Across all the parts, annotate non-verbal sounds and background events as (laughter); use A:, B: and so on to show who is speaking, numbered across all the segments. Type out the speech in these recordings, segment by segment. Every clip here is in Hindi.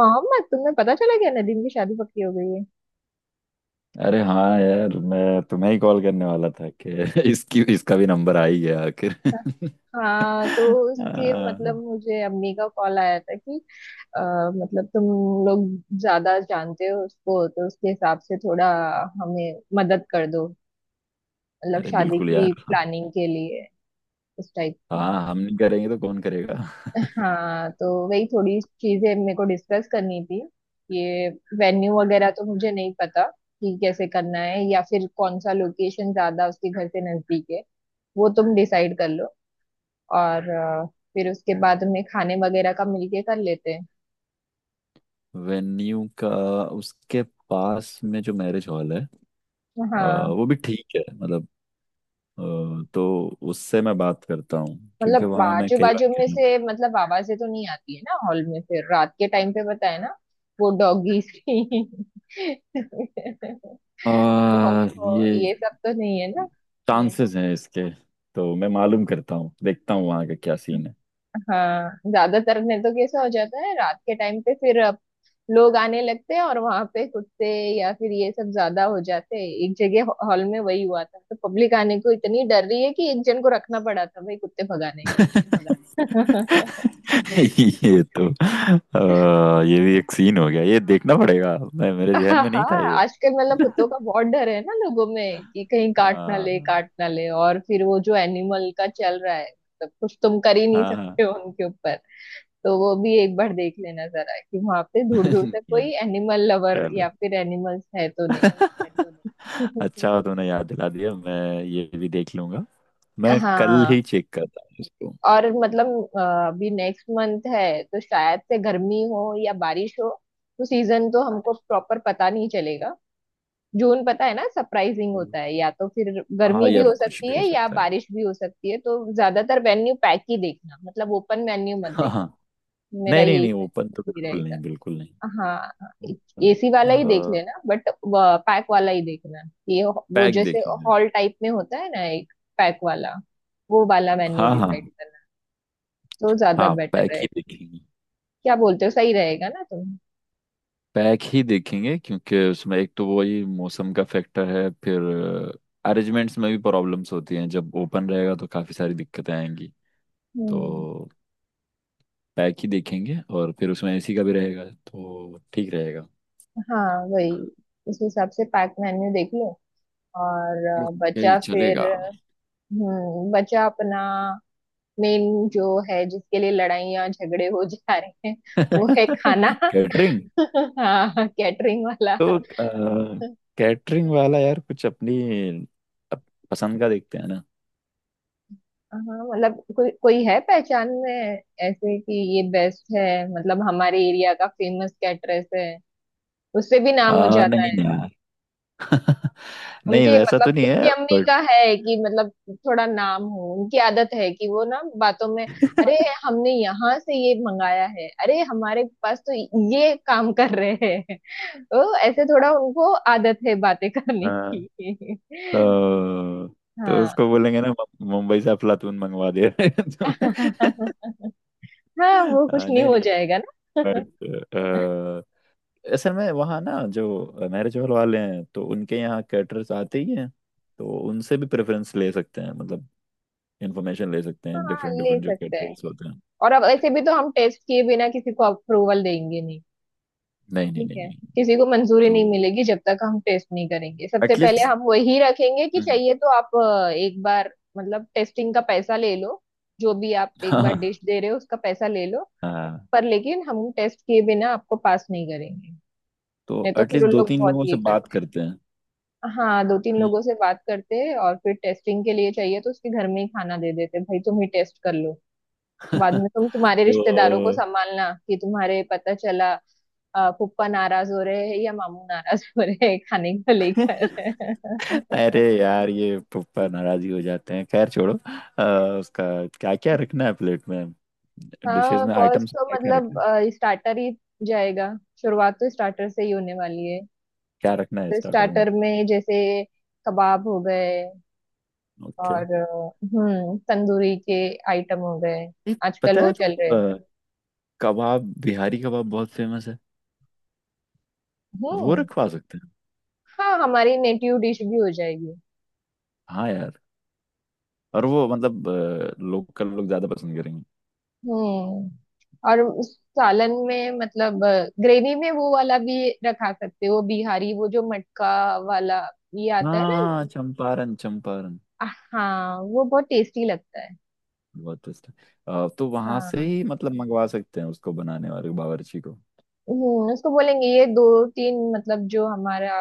A: मोहम्मद, तुम्हें पता चला क्या नदीम की शादी पक्की हो गई है?
B: अरे हाँ यार मैं तुम्हें ही कॉल करने वाला था कि (laughs) इसकी इसका भी नंबर आ ही गया आखिर।
A: हाँ तो उसके मतलब
B: हाँ।
A: मुझे अम्मी का कॉल आया था कि अ, मतलब तुम लोग ज्यादा जानते हो उसको तो उसके हिसाब से थोड़ा हमें मदद कर दो। मतलब
B: अरे
A: शादी
B: बिल्कुल
A: की
B: यार।
A: प्लानिंग के लिए उस टाइप में।
B: हाँ, हम नहीं करेंगे तो कौन करेगा। (laughs)
A: हाँ तो वही थोड़ी चीजें मेरे को डिस्कस करनी थी। ये वेन्यू वगैरह तो मुझे नहीं पता कि कैसे करना है या फिर कौन सा लोकेशन ज्यादा उसके घर से नजदीक है। वो तुम डिसाइड कर लो। और फिर उसके बाद में खाने वगैरह का मिलके कर लेते हैं।
B: वेन्यू का उसके पास में जो मैरिज हॉल है, अ,
A: हाँ,
B: वो भी ठीक है मतलब। तो उससे मैं बात करता हूँ
A: मतलब
B: क्योंकि वहाँ मैं
A: बाजू
B: कई
A: बाजू
B: बार
A: में
B: गया हूँ।
A: से मतलब आवाजें तो नहीं आती है ना हॉल में, फिर रात के टाइम पे पता है ना, वो डॉगीज की (laughs) भौं,
B: ये
A: ये सब तो नहीं है ना?
B: चांसेस हैं इसके, तो मैं मालूम करता हूँ, देखता हूँ वहाँ का क्या सीन है।
A: हाँ ज्यादातर नहीं तो कैसा हो जाता है रात के टाइम पे, फिर अब लोग आने लगते हैं और वहां पे कुत्ते या फिर ये सब ज्यादा हो जाते हैं एक जगह। हॉल में वही हुआ था तो पब्लिक आने को इतनी डर रही है कि एक जन को रखना पड़ा था भाई कुत्ते भगाने।
B: (laughs)
A: (laughs)
B: ये तो ये भी एक सीन हो गया, ये देखना पड़ेगा, मैं मेरे ध्यान
A: हाँ
B: में नहीं था
A: हाँ,
B: ये।
A: आजकल मतलब कुत्तों का बहुत डर है ना लोगों में कि कहीं काट ना ले
B: हाँ
A: काट ना ले, और फिर वो जो एनिमल का चल रहा है मतलब कुछ तुम कर ही नहीं
B: हाँ
A: सकते
B: हाँ।
A: हो उनके ऊपर। तो वो भी एक बार देख लेना जरा कि वहां पे दूर दूर
B: (laughs)
A: तक
B: ये,
A: कोई एनिमल लवर या
B: चलो,
A: फिर एनिमल्स है तो नहीं।
B: अच्छा हुआ तुमने याद दिला दिया, मैं ये भी देख लूंगा। मैं
A: (laughs)
B: कल
A: हाँ।
B: ही चेक करता हूँ इसको।
A: और मतलब अ, अभी नेक्स्ट मंथ है तो शायद से गर्मी हो या बारिश हो, तो सीजन तो हमको प्रॉपर पता नहीं चलेगा। जून पता है ना सरप्राइजिंग होता है, या तो फिर
B: हाँ
A: गर्मी भी
B: यार
A: हो
B: कुछ
A: सकती
B: भी हो
A: है या
B: सकता है।
A: बारिश भी हो सकती है, तो ज्यादातर मेन्यू पैक ही देखना, मतलब ओपन मेन्यू मत
B: हाँ हाँ।
A: देखना। मेरा
B: नहीं नहीं
A: यही
B: नहीं, ओपन तो
A: सही
B: बिल्कुल
A: रहेगा।
B: नहीं, बिल्कुल नहीं
A: हाँ,
B: ओपन।
A: एसी वाला ही देख लेना बट पैक वाला ही देखना। ये वो
B: पैक
A: जैसे
B: देखेंगे।
A: हॉल टाइप में होता है ना एक पैक वाला, वो वाला मेन्यू
B: हाँ हाँ।
A: डिसाइड करना तो ज्यादा
B: हाँ
A: बेटर
B: पैक ही
A: रहेगा।
B: देखेंगे।
A: क्या बोलते हो, सही रहेगा ना तुम?
B: पैक ही देखेंगे क्योंकि उसमें एक तो वही मौसम का फैक्टर है, फिर अरेंजमेंट्स में भी प्रॉब्लम्स होती हैं। जब ओपन रहेगा तो काफ़ी सारी दिक्कतें आएंगी,
A: हम्म,
B: तो पैक ही देखेंगे और फिर उसमें एसी का भी रहेगा तो ठीक रहेगा।
A: हाँ वही, उस हिसाब से पैक मेन्यू देख लो। और
B: ओके
A: बचा
B: चलेगा।
A: फिर बचा अपना मेन जो है, जिसके लिए लड़ाइयाँ झगड़े हो जा रहे हैं, वो है खाना।
B: (laughs) कैटरिंग।
A: (laughs) हाँ कैटरिंग वाला।
B: तो कैटरिंग वाला यार कुछ अपनी अप- पसंद का देखते हैं ना।
A: हाँ मतलब कोई कोई है पहचान में ऐसे कि ये बेस्ट है? मतलब हमारे एरिया का फेमस कैटरेस है, उससे भी नाम हो जाता
B: नहीं
A: है।
B: यार, (laughs) नहीं
A: उनके
B: वैसा तो
A: मतलब
B: नहीं
A: उसकी
B: है,
A: अम्मी का है कि मतलब थोड़ा नाम हो, उनकी आदत है कि वो ना बातों में, अरे हमने यहाँ से ये मंगाया है, अरे हमारे पास तो ये काम कर रहे हैं। (laughs) तो ऐसे थोड़ा उनको आदत है बातें करने
B: बट
A: की। (laughs)
B: तो, तो
A: हाँ।
B: उसको बोलेंगे ना मुंबई से अफलातून मंगवा दे। (laughs)
A: (laughs) हाँ वो कुछ नहीं
B: नहीं
A: हो
B: नहीं,
A: जाएगा ना।
B: बट असल में वहाँ ना जो मैरिज हॉल वाले हैं, तो उनके यहाँ कैटरर्स आते ही हैं, तो उनसे भी प्रेफरेंस ले सकते हैं, मतलब इन्फॉर्मेशन ले सकते हैं,
A: हाँ,
B: डिफरेंट
A: ले
B: डिफरेंट जो
A: सकते हैं।
B: कैटरर्स होते हैं।
A: और अब ऐसे भी तो हम टेस्ट किए बिना किसी को अप्रूवल देंगे नहीं।
B: नहीं नहीं
A: ठीक
B: नहीं
A: है,
B: नहीं।
A: किसी को मंजूरी
B: तो
A: नहीं मिलेगी जब तक हम टेस्ट नहीं करेंगे। सबसे पहले
B: एटलीस्ट
A: हम वही रखेंगे कि चाहिए तो आप एक बार मतलब टेस्टिंग का पैसा ले लो, जो भी आप एक बार
B: हाँ।
A: डिश दे रहे हो उसका पैसा ले लो,
B: (laughs) हाँ,
A: पर लेकिन हम टेस्ट किए बिना आपको पास नहीं करेंगे।
B: तो
A: नहीं तो फिर
B: एटलीस्ट
A: उन
B: दो
A: लोग
B: तीन
A: बहुत
B: लोगों
A: ये
B: से बात
A: करते हैं।
B: करते हैं।
A: हाँ, दो तीन
B: हम्म।
A: लोगों से बात करते हैं और फिर टेस्टिंग के लिए चाहिए तो उसके घर में ही खाना दे देते हैं, भाई तुम ही टेस्ट कर लो, बाद
B: (laughs)
A: में तुम तुम्हारे रिश्तेदारों को
B: तो
A: संभालना कि तुम्हारे पता चला फूफा नाराज हो रहे हैं या मामू नाराज हो रहे हैं खाने को लेकर।
B: (laughs) अरे
A: (laughs)
B: यार ये पप्पा नाराज ही हो जाते हैं, खैर छोड़ो। अ, उसका क्या क्या रखना है प्लेट में, डिशेस
A: हाँ
B: में,
A: फर्स्ट
B: आइटम्स
A: तो
B: क्या क्या
A: मतलब
B: रखना है।
A: स्टार्टर ही जाएगा, शुरुआत तो स्टार्टर से ही होने वाली है।
B: क्या रखना है
A: तो
B: स्टार्टर में।
A: स्टार्टर में जैसे कबाब हो गए,
B: ओके।
A: और तंदूरी के आइटम हो गए,
B: ये
A: आजकल
B: पता
A: वो
B: है
A: चल
B: तुमको
A: रहे हैं।
B: कबाब, बिहारी कबाब बहुत फेमस है, वो
A: हम्म।
B: रखवा सकते हैं।
A: हाँ हमारी नेटिव डिश भी हो जाएगी।
B: हाँ यार। और वो मतलब लोकल लोग ज्यादा पसंद करेंगे।
A: और उस सालन में मतलब ग्रेवी में वो वाला भी रखा सकते हो, बिहारी वो जो मटका वाला, ये आता है ना?
B: हाँ चंपारण चंपारण।
A: हाँ वो बहुत टेस्टी लगता है।
B: बहुत टेस्ट है। तो वहां से
A: हाँ
B: ही मतलब मंगवा सकते हैं उसको, बनाने वाले बावर्ची को।
A: उसको बोलेंगे ये दो तीन मतलब जो हमारा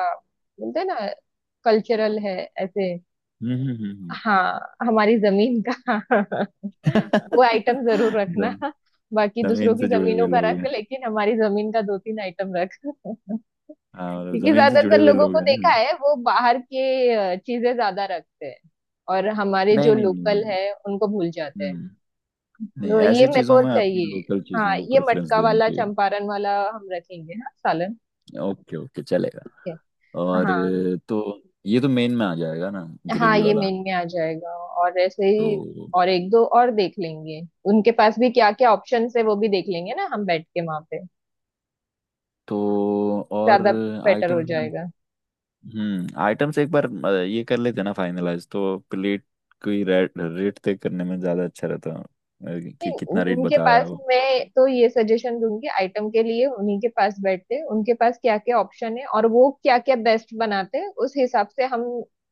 A: बोलते हैं ना कल्चरल है ऐसे।
B: हम्म।
A: हाँ हमारी जमीन का (laughs) वो
B: हम्म।
A: आइटम जरूर रखना।
B: (laughs)
A: बाकी दूसरों
B: जमीन
A: की
B: से जुड़े हुए
A: जमीनों का
B: लोग
A: रख
B: हैं।
A: लेकिन हमारी जमीन का दो तीन आइटम रख। (laughs)
B: हाँ, मतलब
A: क्योंकि
B: जमीन से जुड़े
A: ज्यादातर
B: हुए
A: लोगों
B: लोग
A: को
B: हैं ना।
A: देखा है वो बाहर के चीजें ज्यादा रखते हैं और हमारे
B: नहीं
A: जो
B: नहीं नहीं
A: लोकल
B: नहीं।
A: है उनको भूल जाते हैं।
B: हम्म। नहीं,
A: तो ये
B: ऐसी
A: मेरे
B: चीजों
A: को
B: में अपनी
A: चाहिए।
B: लोकल
A: हाँ
B: चीजों को
A: ये
B: प्रेफरेंस
A: मटका
B: देनी
A: वाला,
B: चाहिए।
A: चंपारण वाला हम रखेंगे, हाँ सालन।
B: ओके ओके चलेगा।
A: ठीक है।
B: और
A: हाँ
B: तो ये तो मेन में आ जाएगा ना,
A: हाँ,
B: ग्रेवी
A: ये
B: वाला।
A: मेन में आ जाएगा। और ऐसे
B: तो
A: ही, और एक दो और देख लेंगे उनके पास भी क्या क्या ऑप्शन है, वो भी देख लेंगे ना हम बैठ के वहां पे,
B: तो और
A: ज्यादा बेटर हो
B: आइटम्स में।
A: जाएगा।
B: हम्म, आइटम्स एक बार ये कर लेते हैं ना फाइनलाइज, तो प्लेट की रेट रेट तय करने में ज्यादा अच्छा रहता है।
A: नहीं,
B: कि कितना रेट
A: उनके
B: बता रहा है
A: पास
B: वो।
A: मैं तो ये सजेशन दूंगी, आइटम के लिए उन्हीं के पास बैठते हैं, उनके पास क्या क्या ऑप्शन है और वो क्या क्या बेस्ट बनाते हैं, उस हिसाब से हम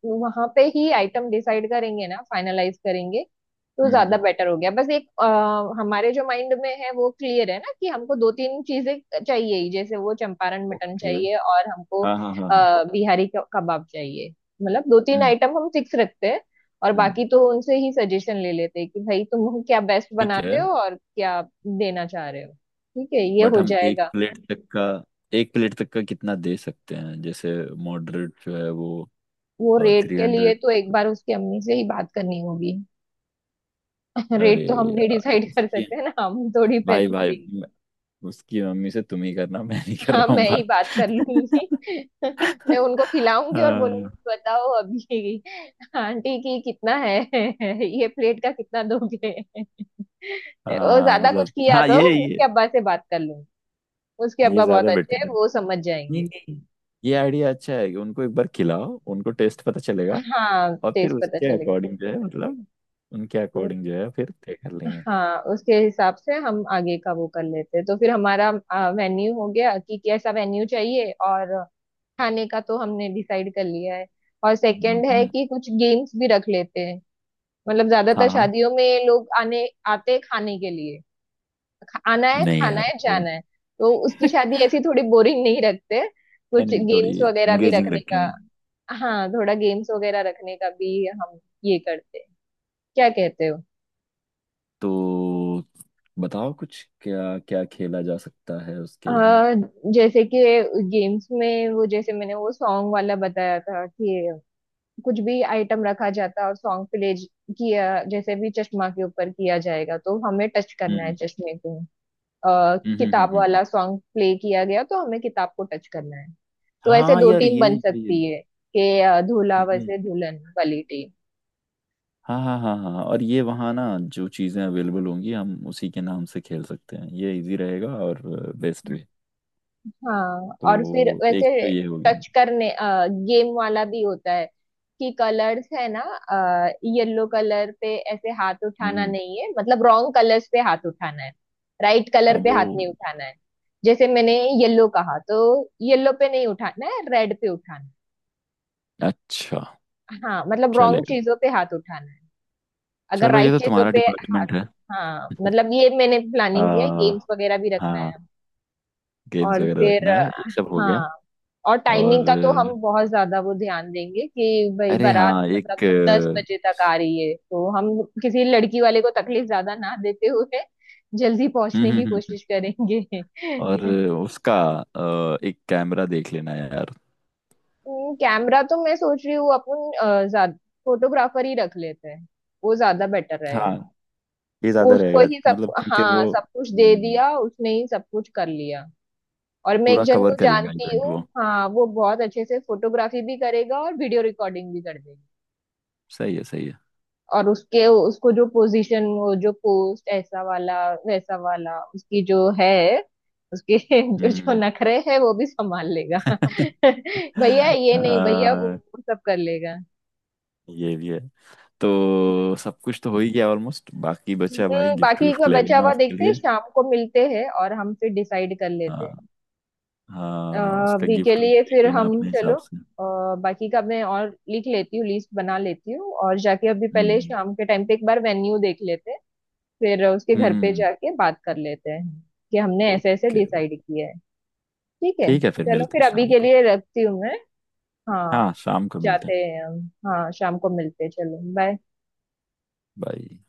A: वहां पे ही आइटम डिसाइड करेंगे ना फाइनलाइज करेंगे, तो ज्यादा
B: हम्म।
A: बेटर हो गया। बस एक हमारे जो माइंड में है वो क्लियर है ना कि हमको दो तीन चीजें चाहिए ही, जैसे वो चंपारण मटन
B: ओके।
A: चाहिए और हमको
B: हाँ हाँ हाँ हाँ।
A: बिहारी कबाब चाहिए। मतलब दो तीन
B: हम्म
A: आइटम हम फिक्स रखते हैं और
B: हम्म।
A: बाकी तो उनसे ही सजेशन ले लेते कि भाई तुम क्या बेस्ट
B: ठीक
A: बनाते
B: है।
A: हो और क्या देना चाह रहे हो। ठीक है, ये
B: बट
A: हो
B: हम एक
A: जाएगा।
B: प्लेट तक का, एक प्लेट तक का कितना दे सकते हैं, जैसे मॉडरेट जो है वो
A: वो रेट
B: थ्री
A: के लिए
B: हंड्रेड।
A: तो एक बार उसकी अम्मी से ही बात करनी होगी। (laughs)
B: अरे
A: रेट तो हम नहीं
B: यार
A: डिसाइड कर
B: उसकी
A: सकते हैं ना, हम थोड़ी
B: भाई
A: पैसे
B: भाई
A: देंगे।
B: मैं- उसकी मम्मी से तुम ही करना, मैं नहीं कर
A: हाँ
B: रहा
A: मैं
B: हूँ
A: ही
B: बात।
A: बात कर लूंगी।
B: (laughs)
A: (laughs) मैं उनको खिलाऊंगी और बोलूंगी,
B: हाँ।
A: बताओ अभी आंटी की कितना है? (laughs) ये प्लेट का कितना दोगे? (laughs) वो
B: हाँ,
A: ज्यादा कुछ
B: मतलब
A: किया
B: हाँ
A: तो
B: ये ये
A: उसके अब्बा से बात कर लूंगी, उसके
B: ये
A: अब्बा बहुत
B: ज्यादा
A: अच्छे
B: बेटर
A: हैं
B: है।
A: वो समझ
B: नहीं
A: जाएंगे।
B: नहीं, ये आइडिया अच्छा है कि उनको एक बार खिलाओ, उनको टेस्ट पता चलेगा।
A: हाँ
B: और फिर
A: टेस्ट पता
B: उसके
A: चलेगा।
B: अकॉर्डिंग जो है मतलब उनके अकॉर्डिंग जो है फिर तय कर लेंगे।
A: हाँ उसके हिसाब से हम आगे का वो कर लेते हैं। तो फिर हमारा मेन्यू हो गया कि कैसा मेन्यू चाहिए, और खाने का तो हमने डिसाइड कर लिया है। और सेकंड है
B: हम्म।
A: कि कुछ गेम्स भी रख लेते हैं, मतलब
B: हाँ
A: ज्यादातर
B: हाँ।
A: शादियों में लोग आने आते हैं खाने के लिए, आना है
B: नहीं
A: खाना
B: यार
A: है
B: थोड़ा,
A: जाना है, तो उसकी शादी ऐसी थोड़ी बोरिंग नहीं रखते,
B: नहीं
A: कुछ
B: नहीं, थोड़ी
A: गेम्स वगैरह भी
B: इंगेजिंग
A: रखने का।
B: रखेंगे।
A: हाँ थोड़ा गेम्स वगैरह रखने का भी हम ये करते हैं, क्या कहते हो?
B: तो बताओ कुछ क्या क्या खेला जा सकता है उसके यहाँ।
A: आ, जैसे कि गेम्स में वो जैसे मैंने वो सॉन्ग वाला बताया था कि कुछ भी आइटम रखा जाता और सॉन्ग प्ले किया, जैसे भी चश्मा के ऊपर किया जाएगा तो हमें टच करना है
B: हम्म
A: चश्मे को।
B: हम्म हम्म
A: किताब
B: हम्म, हम्म।
A: वाला सॉन्ग प्ले किया गया तो हमें किताब को टच करना है। तो ऐसे
B: हाँ
A: दो
B: यार
A: टीम बन
B: ये
A: सकती है कि दूल्हा
B: ये।
A: वैसे दुल्हन वाली टीम।
B: हाँ हाँ हाँ हाँ हाँ, और ये वहाँ ना जो चीज़ें अवेलेबल होंगी हम उसी के नाम से खेल सकते हैं, ये इजी रहेगा और बेस्ट भी।
A: हाँ और फिर
B: तो
A: वैसे
B: एक तो ये हो गया।
A: टच करने गेम वाला भी होता है, कि कलर्स है ना, येलो कलर पे ऐसे हाथ उठाना
B: हम्म।
A: नहीं है, मतलब रॉन्ग कलर्स पे हाथ उठाना है, राइट कलर
B: अब
A: पे
B: वो
A: हाथ नहीं उठाना है, जैसे मैंने येलो कहा तो येलो पे नहीं उठाना है, रेड पे उठाना
B: अच्छा।
A: है। हाँ मतलब रॉन्ग
B: चलेगा।
A: चीजों पे हाथ उठाना है अगर
B: चलो ये
A: राइट
B: तो
A: चीजों
B: तुम्हारा
A: पे हाथ।
B: डिपार्टमेंट है।
A: हाँ मतलब ये मैंने प्लानिंग किया है,
B: आ,
A: गेम्स वगैरह भी रखना
B: हाँ,
A: है।
B: गेम्स
A: और
B: वगैरह
A: फिर
B: रखना है, ये सब हो गया।
A: हाँ और टाइमिंग
B: और
A: का तो हम बहुत ज्यादा वो ध्यान देंगे कि भाई
B: अरे
A: बारात
B: हाँ एक
A: मतलब दस बजे तक आ रही है, तो हम किसी लड़की वाले को तकलीफ ज्यादा ना देते हुए जल्दी
B: हम्म
A: पहुंचने की
B: हम्म, हम्म,
A: कोशिश करेंगे।
B: और उसका एक कैमरा देख लेना यार।
A: (laughs) कैमरा तो मैं सोच रही हूँ अपन ज्यादा फोटोग्राफर ही रख लेते हैं, वो ज्यादा बेटर रहेगा।
B: हाँ, ये ज्यादा
A: उसको
B: रहेगा
A: ही सब,
B: मतलब क्योंकि
A: हाँ,
B: वो
A: सब कुछ दे दिया, उसने ही सब कुछ कर लिया। और मैं एक
B: पूरा
A: जन
B: कवर
A: को
B: कर लेगा
A: जानती
B: इवेंट
A: हूँ,
B: वो।
A: हाँ वो बहुत अच्छे से फोटोग्राफी भी करेगा और वीडियो रिकॉर्डिंग भी कर देगा।
B: सही है सही है।
A: और उसके उसको जो पोजीशन वो जो पोस्ट ऐसा वाला वैसा वाला उसकी जो है, उसके (laughs) जो जो
B: हम्म।
A: नखरे है वो भी संभाल लेगा। (laughs)
B: (laughs)
A: भैया ये नहीं भैया वो
B: अ,
A: सब कर लेगा।
B: ये भी है। तो सब कुछ तो हो ही गया ऑलमोस्ट, बाकी बचा भाई, गिफ्ट
A: बाकी का
B: विफ्ट ले
A: बचा
B: लेना
A: हुआ
B: उसके
A: देखते हैं,
B: लिए।
A: शाम को मिलते हैं और हम फिर डिसाइड कर लेते
B: हाँ।
A: हैं।
B: हाँ उसका
A: अभी के
B: गिफ्ट विफ्ट
A: लिए
B: देख
A: फिर
B: लेना
A: हम
B: अपने
A: चलो
B: हिसाब से।
A: बाकी का मैं और लिख लेती हूँ, लिस्ट बना लेती हूँ, और जाके अभी पहले
B: हम्म
A: शाम के टाइम पे एक बार वेन्यू देख लेते हैं, फिर उसके घर पे
B: हम्म।
A: जाके बात कर लेते हैं कि हमने ऐसे ऐसे
B: ओके।
A: डिसाइड किया है। ठीक है,
B: ठीक है, फिर
A: चलो
B: मिलते
A: फिर
B: हैं
A: अभी
B: शाम
A: के
B: को।
A: लिए रखती हूँ मैं। हाँ,
B: हाँ शाम को मिलते
A: जाते
B: हैं।
A: हैं हम। हाँ शाम को मिलते हैं, चलो बाय।
B: बाय।